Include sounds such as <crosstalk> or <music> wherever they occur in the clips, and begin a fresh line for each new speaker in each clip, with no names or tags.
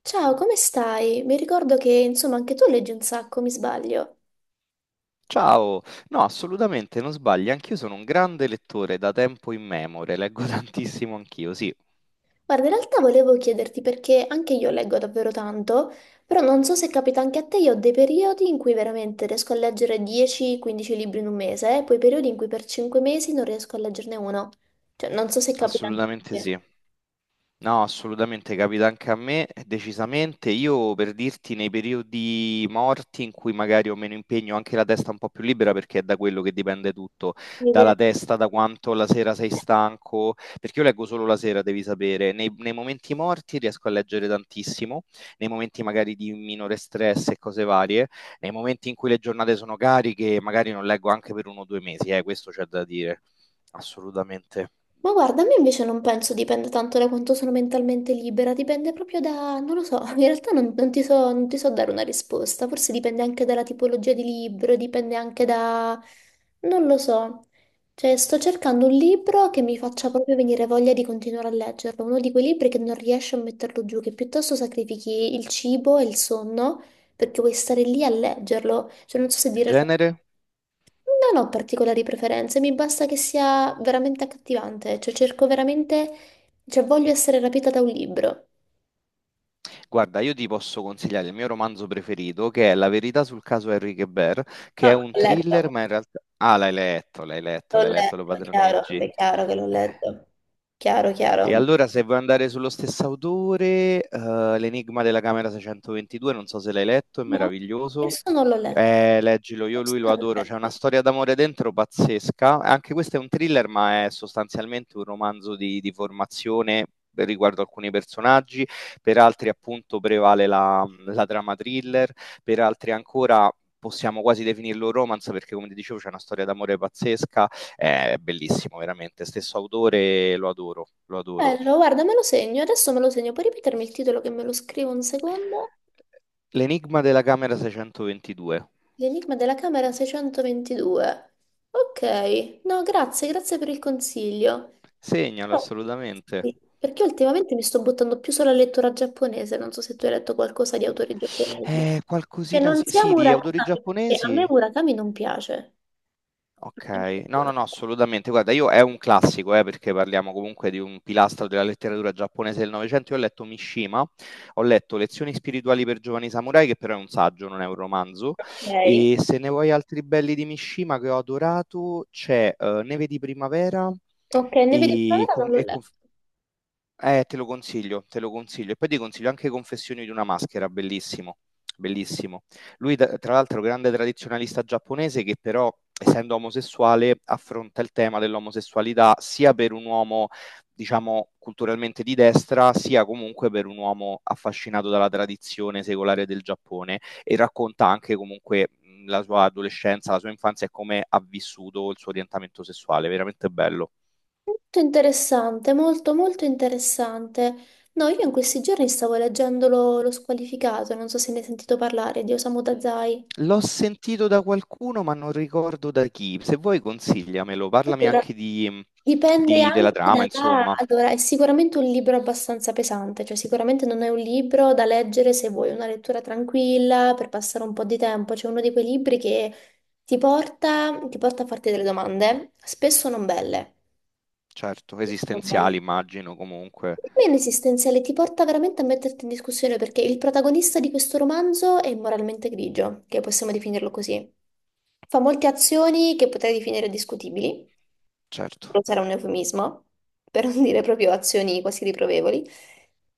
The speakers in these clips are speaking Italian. Ciao, come stai? Mi ricordo che, insomma, anche tu leggi un sacco, mi sbaglio?
Ciao, no, assolutamente non sbagli, anch'io sono un grande lettore da tempo immemore, leggo <laughs> tantissimo anch'io, sì,
Guarda, in realtà volevo chiederti perché anche io leggo davvero tanto, però non so se capita anche a te. Io ho dei periodi in cui veramente riesco a leggere 10-15 libri in un mese, e poi periodi in cui per 5 mesi non riesco a leggerne uno. Cioè, non so se capita anche a
assolutamente
te.
sì. No, assolutamente, capita anche a me, decisamente. Io per dirti, nei periodi morti in cui magari ho meno impegno, ho anche la testa un po' più libera perché è da quello che dipende tutto,
Mi deve-
dalla testa, da quanto la sera sei stanco, perché io leggo solo la sera, devi sapere. Nei momenti morti riesco a leggere tantissimo, nei momenti magari di minore stress e cose varie, nei momenti in cui le giornate sono cariche, magari non leggo anche per uno o due mesi, questo c'è da dire, assolutamente.
Ma guarda, a me invece non penso dipenda tanto da quanto sono mentalmente libera, dipende proprio da, non lo so, in realtà non ti so dare una risposta. Forse dipende anche dalla tipologia di libro, dipende anche da, non lo so, cioè sto cercando un libro che mi faccia proprio venire voglia di continuare a leggerlo, uno di quei libri che non riesci a metterlo giù, che piuttosto sacrifichi il cibo e il sonno perché vuoi stare lì a leggerlo. Cioè non so se dire,
Genere?
non ho particolari preferenze, mi basta che sia veramente accattivante, cioè cerco veramente, cioè voglio essere rapita da un libro.
Guarda, io ti posso consigliare il mio romanzo preferito, che è La verità sul caso Henri Guebert, che è
Ah,
un thriller, ma in realtà. Ah, l'hai letto, l'hai letto,
l'ho
l'hai letto, lo
letto, chiaro,
padroneggi.
beh, chiaro che l'ho letto, chiaro, chiaro.
E
Ma
allora se vuoi andare sullo stesso autore, L'enigma della camera 622, non so se l'hai letto, è
no,
meraviglioso.
questo non l'ho letto,
Leggilo, io
questo
lui lo
non l'ho
adoro, c'è una
letto.
storia d'amore dentro pazzesca. Anche questo è un thriller, ma è sostanzialmente un romanzo di formazione riguardo alcuni personaggi, per altri appunto prevale la trama thriller, per altri ancora possiamo quasi definirlo romance perché come ti dicevo c'è una storia d'amore pazzesca, è bellissimo, veramente. Stesso autore, lo adoro, lo adoro.
Bello, guarda, me lo segno, adesso me lo segno. Puoi ripetermi il titolo che me lo scrivo un secondo?
L'enigma della camera 622.
L'enigma della camera 622. Ok, no, grazie, grazie per il consiglio.
Segnalo
Però-
assolutamente.
sì, perché ultimamente mi sto buttando più sulla lettura giapponese, non so se tu hai letto qualcosa di autori giapponesi. Che
Qualcosina,
non
sì,
sia
sì, di autori
Murakami, perché a me
giapponesi.
Murakami non piace.
Ok, no, no, no, assolutamente. Guarda, io è un classico, perché parliamo comunque di un pilastro della letteratura giapponese del Novecento. Io ho letto Mishima, ho letto Lezioni spirituali per giovani samurai, che però è un saggio, non è un romanzo.
Ok.
E se ne vuoi altri belli di Mishima che ho adorato, c'è Neve di primavera
Ok, Neve di
e,
Primavera non l'ho letto.
Te lo consiglio, te lo consiglio. E poi ti consiglio anche Confessioni di una maschera, bellissimo, bellissimo. Lui, tra l'altro, grande tradizionalista giapponese che però, essendo omosessuale, affronta il tema dell'omosessualità sia per un uomo, diciamo, culturalmente di destra, sia comunque per un uomo affascinato dalla tradizione secolare del Giappone e racconta anche comunque la sua adolescenza, la sua infanzia e come ha vissuto il suo orientamento sessuale. Veramente bello.
Molto interessante, molto molto interessante. No, io in questi giorni stavo leggendo lo squalificato, non so se ne hai sentito parlare, di Osamu Dazai.
L'ho sentito da qualcuno, ma non ricordo da chi. Se vuoi consigliamelo, parlami
Allora,
anche
dipende
della
anche
trama,
da...
insomma.
Allora, è sicuramente un libro abbastanza pesante, cioè sicuramente non è un libro da leggere se vuoi una lettura tranquilla per passare un po' di tempo. C'è uno di quei libri che ti porta a farti delle domande, spesso non belle.
Certo,
Spesso non belle.
esistenziali, immagino, comunque.
Non esistenziale, ti porta veramente a metterti in discussione, perché il protagonista di questo romanzo è moralmente grigio, che possiamo definirlo così. Fa molte azioni che potrei definire discutibili, non
Certo.
sarà un eufemismo, <laughs> per non dire proprio azioni quasi riprovevoli.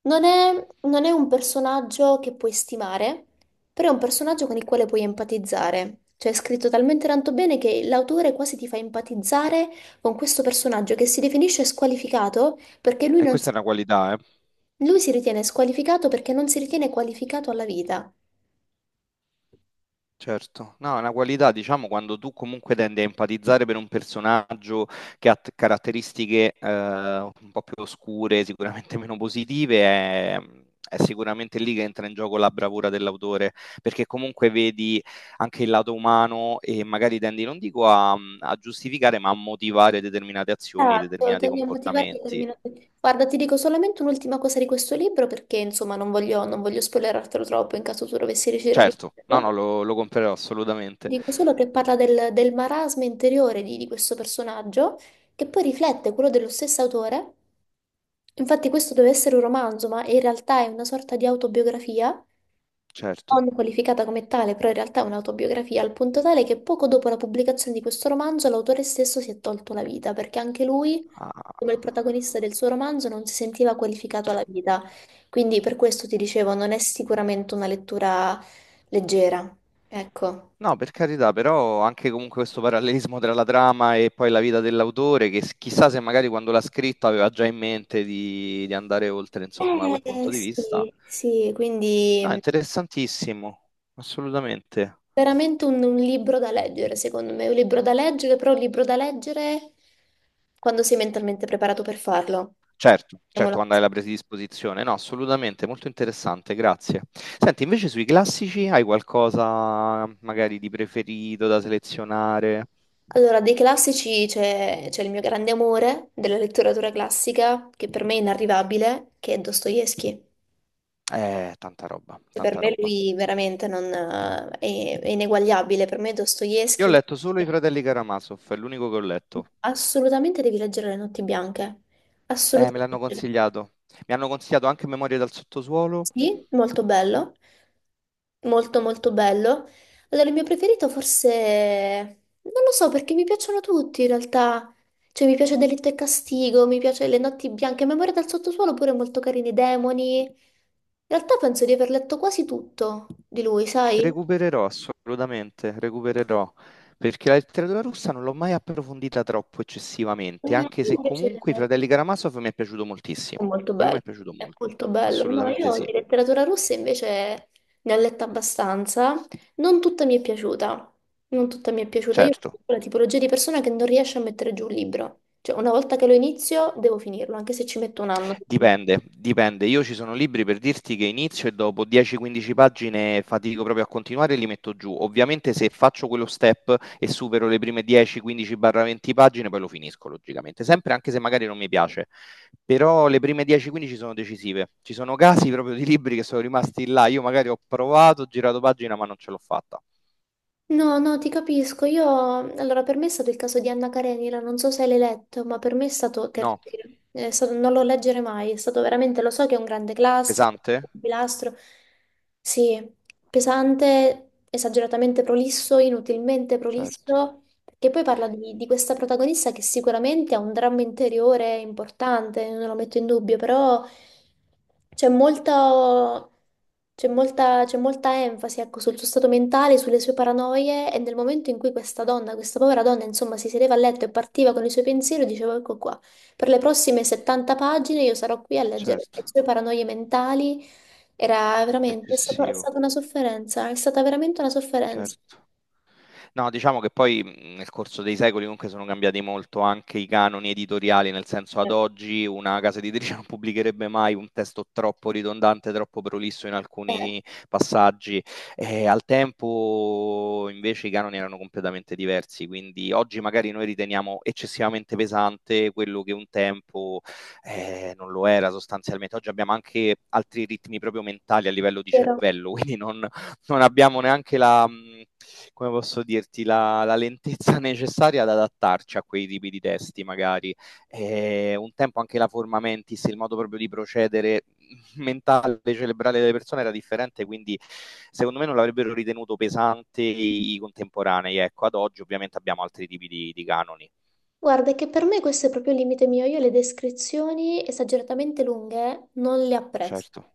Non è, non è un personaggio che puoi stimare, però è un personaggio con il quale puoi empatizzare. Cioè è scritto talmente tanto bene che l'autore quasi ti fa empatizzare con questo personaggio che si definisce squalificato, perché lui
E
non
questa
si,
è una qualità, eh.
lui si ritiene squalificato perché non si ritiene qualificato alla vita.
Certo, no, è una qualità, diciamo, quando tu comunque tendi a empatizzare per un personaggio che ha caratteristiche un po' più oscure, sicuramente <laughs> meno positive, è sicuramente lì che entra in gioco la bravura dell'autore, perché comunque vedi anche il lato umano e magari tendi, non dico a giustificare, ma a motivare determinate azioni,
Esatto,
determinati
tendiamo a motivare
comportamenti.
determinati. Guarda, ti dico solamente un'ultima cosa di questo libro perché insomma non voglio spoilerartelo troppo in caso tu dovessi decidere di
Certo, no,
leggerlo.
no, lo comprerò assolutamente.
Dico solo che parla del marasma interiore di questo personaggio che poi riflette quello dello stesso autore. Infatti questo deve essere un romanzo, ma in realtà è una sorta di autobiografia,
Certo.
non qualificata come tale, però in realtà è un'autobiografia al punto tale che poco dopo la pubblicazione di questo romanzo l'autore stesso si è tolto la vita, perché anche lui, come il
Ah.
protagonista del suo romanzo, non si sentiva qualificato alla vita. Quindi per questo ti dicevo, non è sicuramente una lettura leggera. Ecco.
No, per carità, però anche comunque questo parallelismo tra la trama e poi la vita dell'autore, che chissà se magari quando l'ha scritto aveva già in mente di andare oltre, insomma, da quel punto di vista.
Sì, sì, quindi
No, interessantissimo, assolutamente.
veramente un libro da leggere, secondo me, un libro da leggere, però un libro da leggere quando sei mentalmente preparato per farlo.
Certo, certo,
Mettiamola
quando
così.
hai la predisposizione, no, assolutamente, molto interessante, grazie. Senti, invece sui classici hai qualcosa magari di preferito da selezionare?
Allora, dei classici c'è il mio grande amore della letteratura classica, che per me è inarrivabile, che è Dostoevsky.
Tanta roba,
Per
tanta
me
roba.
lui veramente non, è ineguagliabile. Per me
Io ho
Dostoevsky, Le
letto
Notti
solo I
Bianche.
Fratelli Karamazov, è l'unico che ho letto.
Assolutamente devi leggere Le Notti Bianche.
Me l'hanno
Assolutamente.
consigliato. Mi hanno consigliato anche Memorie dal sottosuolo.
Sì, molto bello. Molto molto bello. Allora, il mio preferito forse... Non lo so perché mi piacciono tutti in realtà. Cioè mi piace Delitto e Castigo, mi piace Le Notti Bianche, Memoria dal sottosuolo pure molto carini, Demoni. In realtà penso di aver letto quasi tutto di lui, sai?
Recupererò assolutamente, recupererò. Perché la letteratura russa non l'ho mai approfondita troppo
Eh,
eccessivamente, anche
mi
se
piace.
comunque i Fratelli Karamazov mi è piaciuto
È
moltissimo.
molto
Quello
bello,
mi è piaciuto
è
molto,
molto bello. No,
assolutamente
io
sì,
di letteratura russa invece ne ho letta abbastanza. Non tutta mi è piaciuta. Non tutta mi è piaciuta. Io
certo.
sono la tipologia di persona che non riesce a mettere giù un libro. Cioè, una volta che lo inizio, devo finirlo, anche se ci metto un anno.
Dipende, dipende. Io ci sono libri per dirti che inizio e dopo 10-15 pagine fatico proprio a continuare e li metto giù. Ovviamente se faccio quello step e supero le prime 10-15-20 pagine, poi lo finisco logicamente, sempre anche se magari non mi piace. Però le prime 10-15 sono decisive. Ci sono casi proprio di libri che sono rimasti là. Io magari ho provato, ho girato pagina, ma non ce l'ho fatta.
No, no, ti capisco. Io, allora, per me è stato il caso di Anna Karenina, non so se l'hai letto, ma per me è stato
No,
terribile. Non lo leggere mai, è stato veramente, lo so che è un grande classico,
pesante?
un pilastro, sì, pesante, esageratamente prolisso, inutilmente
Certo,
prolisso, che poi parla di questa protagonista che sicuramente ha un dramma interiore importante, non lo metto in dubbio, però c'è molta, c'è molta, c'è molta enfasi, ecco, sul suo stato mentale, sulle sue paranoie. E nel momento in cui questa donna, questa povera donna, insomma, si sedeva a letto e partiva con i suoi pensieri, dicevo, ecco qua, per le prossime 70 pagine io sarò qui a leggere le
certo,
sue paranoie mentali. Era veramente, è stata
eccessivo,
una sofferenza, è stata veramente una sofferenza.
certo. No, diciamo che poi nel corso dei secoli comunque sono cambiati molto anche i canoni editoriali, nel senso ad
Eh,
oggi una casa editrice <laughs> non pubblicherebbe mai un testo troppo ridondante, troppo prolisso in
Eh,
alcuni passaggi. E al tempo invece i canoni erano completamente diversi, quindi oggi magari noi riteniamo eccessivamente pesante quello che un tempo non lo era sostanzialmente. Oggi abbiamo anche altri ritmi proprio mentali a livello di
però
cervello, <laughs> quindi non abbiamo neanche come posso dirti, la lentezza <laughs> necessaria ad adattarci a quei tipi di testi, magari. Un tempo anche la forma mentis, il modo proprio di procedere <laughs> mentale, cerebrale delle persone era differente, quindi secondo me non l'avrebbero ritenuto pesante i contemporanei. Ecco, ad oggi ovviamente abbiamo altri tipi di canoni.
guarda, è che per me questo è proprio il limite mio. Io le descrizioni esageratamente lunghe non le apprezzo.
Certo,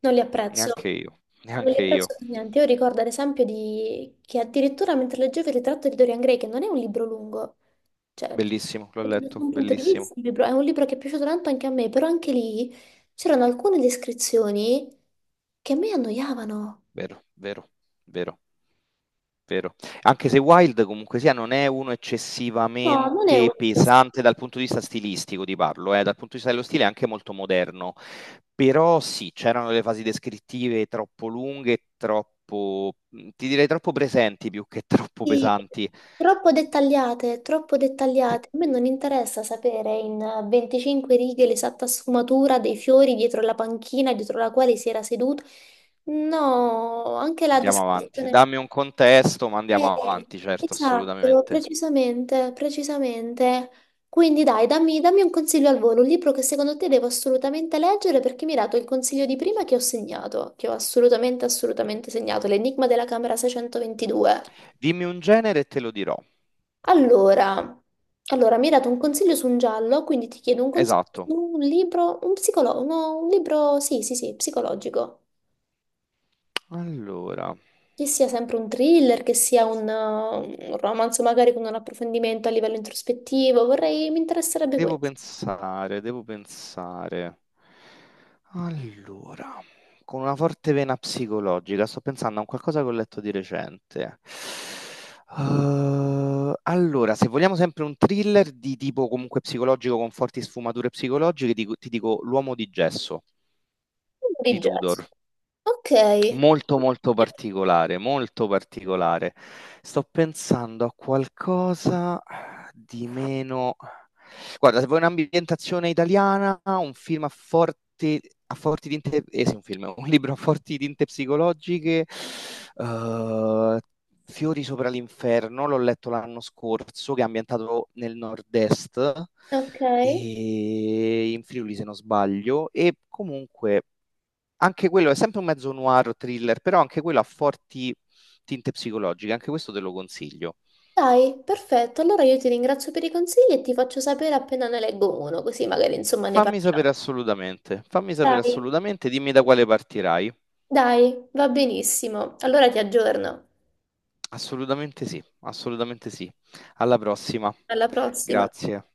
Non le apprezzo.
neanche io,
Non le
neanche io.
apprezzo per niente. Io ricordo ad esempio di... che addirittura mentre leggevo Il ritratto di Dorian Gray, che non è un libro lungo, cioè,
Bellissimo, l'ho
sotto
letto,
nessun punto di vista,
bellissimo.
è un libro che è piaciuto tanto anche a me, però anche lì c'erano alcune descrizioni che a me annoiavano.
Vero, vero, vero. Vero. Anche se Wild comunque sia non è uno
No, non è una,
eccessivamente pesante dal punto di vista stilistico, ti parlo, dal punto di vista dello stile è anche molto moderno, però sì, c'erano delle fasi descrittive troppo lunghe, troppo, ti direi troppo presenti più che <laughs> troppo
sì,
pesanti.
troppo dettagliate, troppo
Sì,
dettagliate. A me non interessa sapere in 25 righe l'esatta sfumatura dei fiori dietro la panchina dietro la quale si era seduto. No, anche la
andiamo avanti,
descrizione.
dammi un contesto, ma andiamo
Eh,
avanti, certo,
esatto,
assolutamente.
precisamente, precisamente. Quindi dai, dammi un consiglio al volo, un libro che secondo te devo assolutamente leggere, perché mi hai dato il consiglio di prima che ho segnato, che ho assolutamente, assolutamente segnato, L'Enigma della Camera 622.
Dimmi un genere e te lo dirò.
Allora, allora, mi hai dato un consiglio su un giallo, quindi ti chiedo un consiglio su
Esatto.
un libro, un psicolo- no, un libro, sì, sì, sì, psicologico.
Allora,
Che sia sempre un thriller, che sia un romanzo magari con un approfondimento a livello introspettivo, vorrei, mi interesserebbe
devo
questo.
pensare, devo pensare. Allora, con una forte vena psicologica, sto pensando a un qualcosa che ho letto di recente. Allora, se vogliamo sempre un thriller di tipo comunque psicologico con forti sfumature psicologiche, ti dico L'uomo di gesso
Un
di
Di jazz.
Tudor.
Ok,
Molto molto particolare, molto particolare. Sto pensando a qualcosa di meno. Guarda, se vuoi un'ambientazione italiana, un film a forti tinte. Eh sì, un film, <laughs> un libro a forti tinte psicologiche, eh, Fiori sopra l'inferno, l'ho letto l'anno scorso, che è ambientato nel nord-est,
ok.
e in Friuli se non sbaglio, e comunque anche quello è sempre un mezzo noir thriller, però anche quello ha forti tinte psicologiche, anche questo te lo consiglio.
Dai, perfetto. Allora io ti ringrazio per i consigli e ti faccio sapere appena ne leggo uno, così magari insomma ne parliamo.
Fammi sapere
Dai.
assolutamente, dimmi da quale partirai.
Dai, va benissimo. Allora ti aggiorno.
Assolutamente sì, assolutamente sì. Alla prossima.
Alla prossima.
Grazie.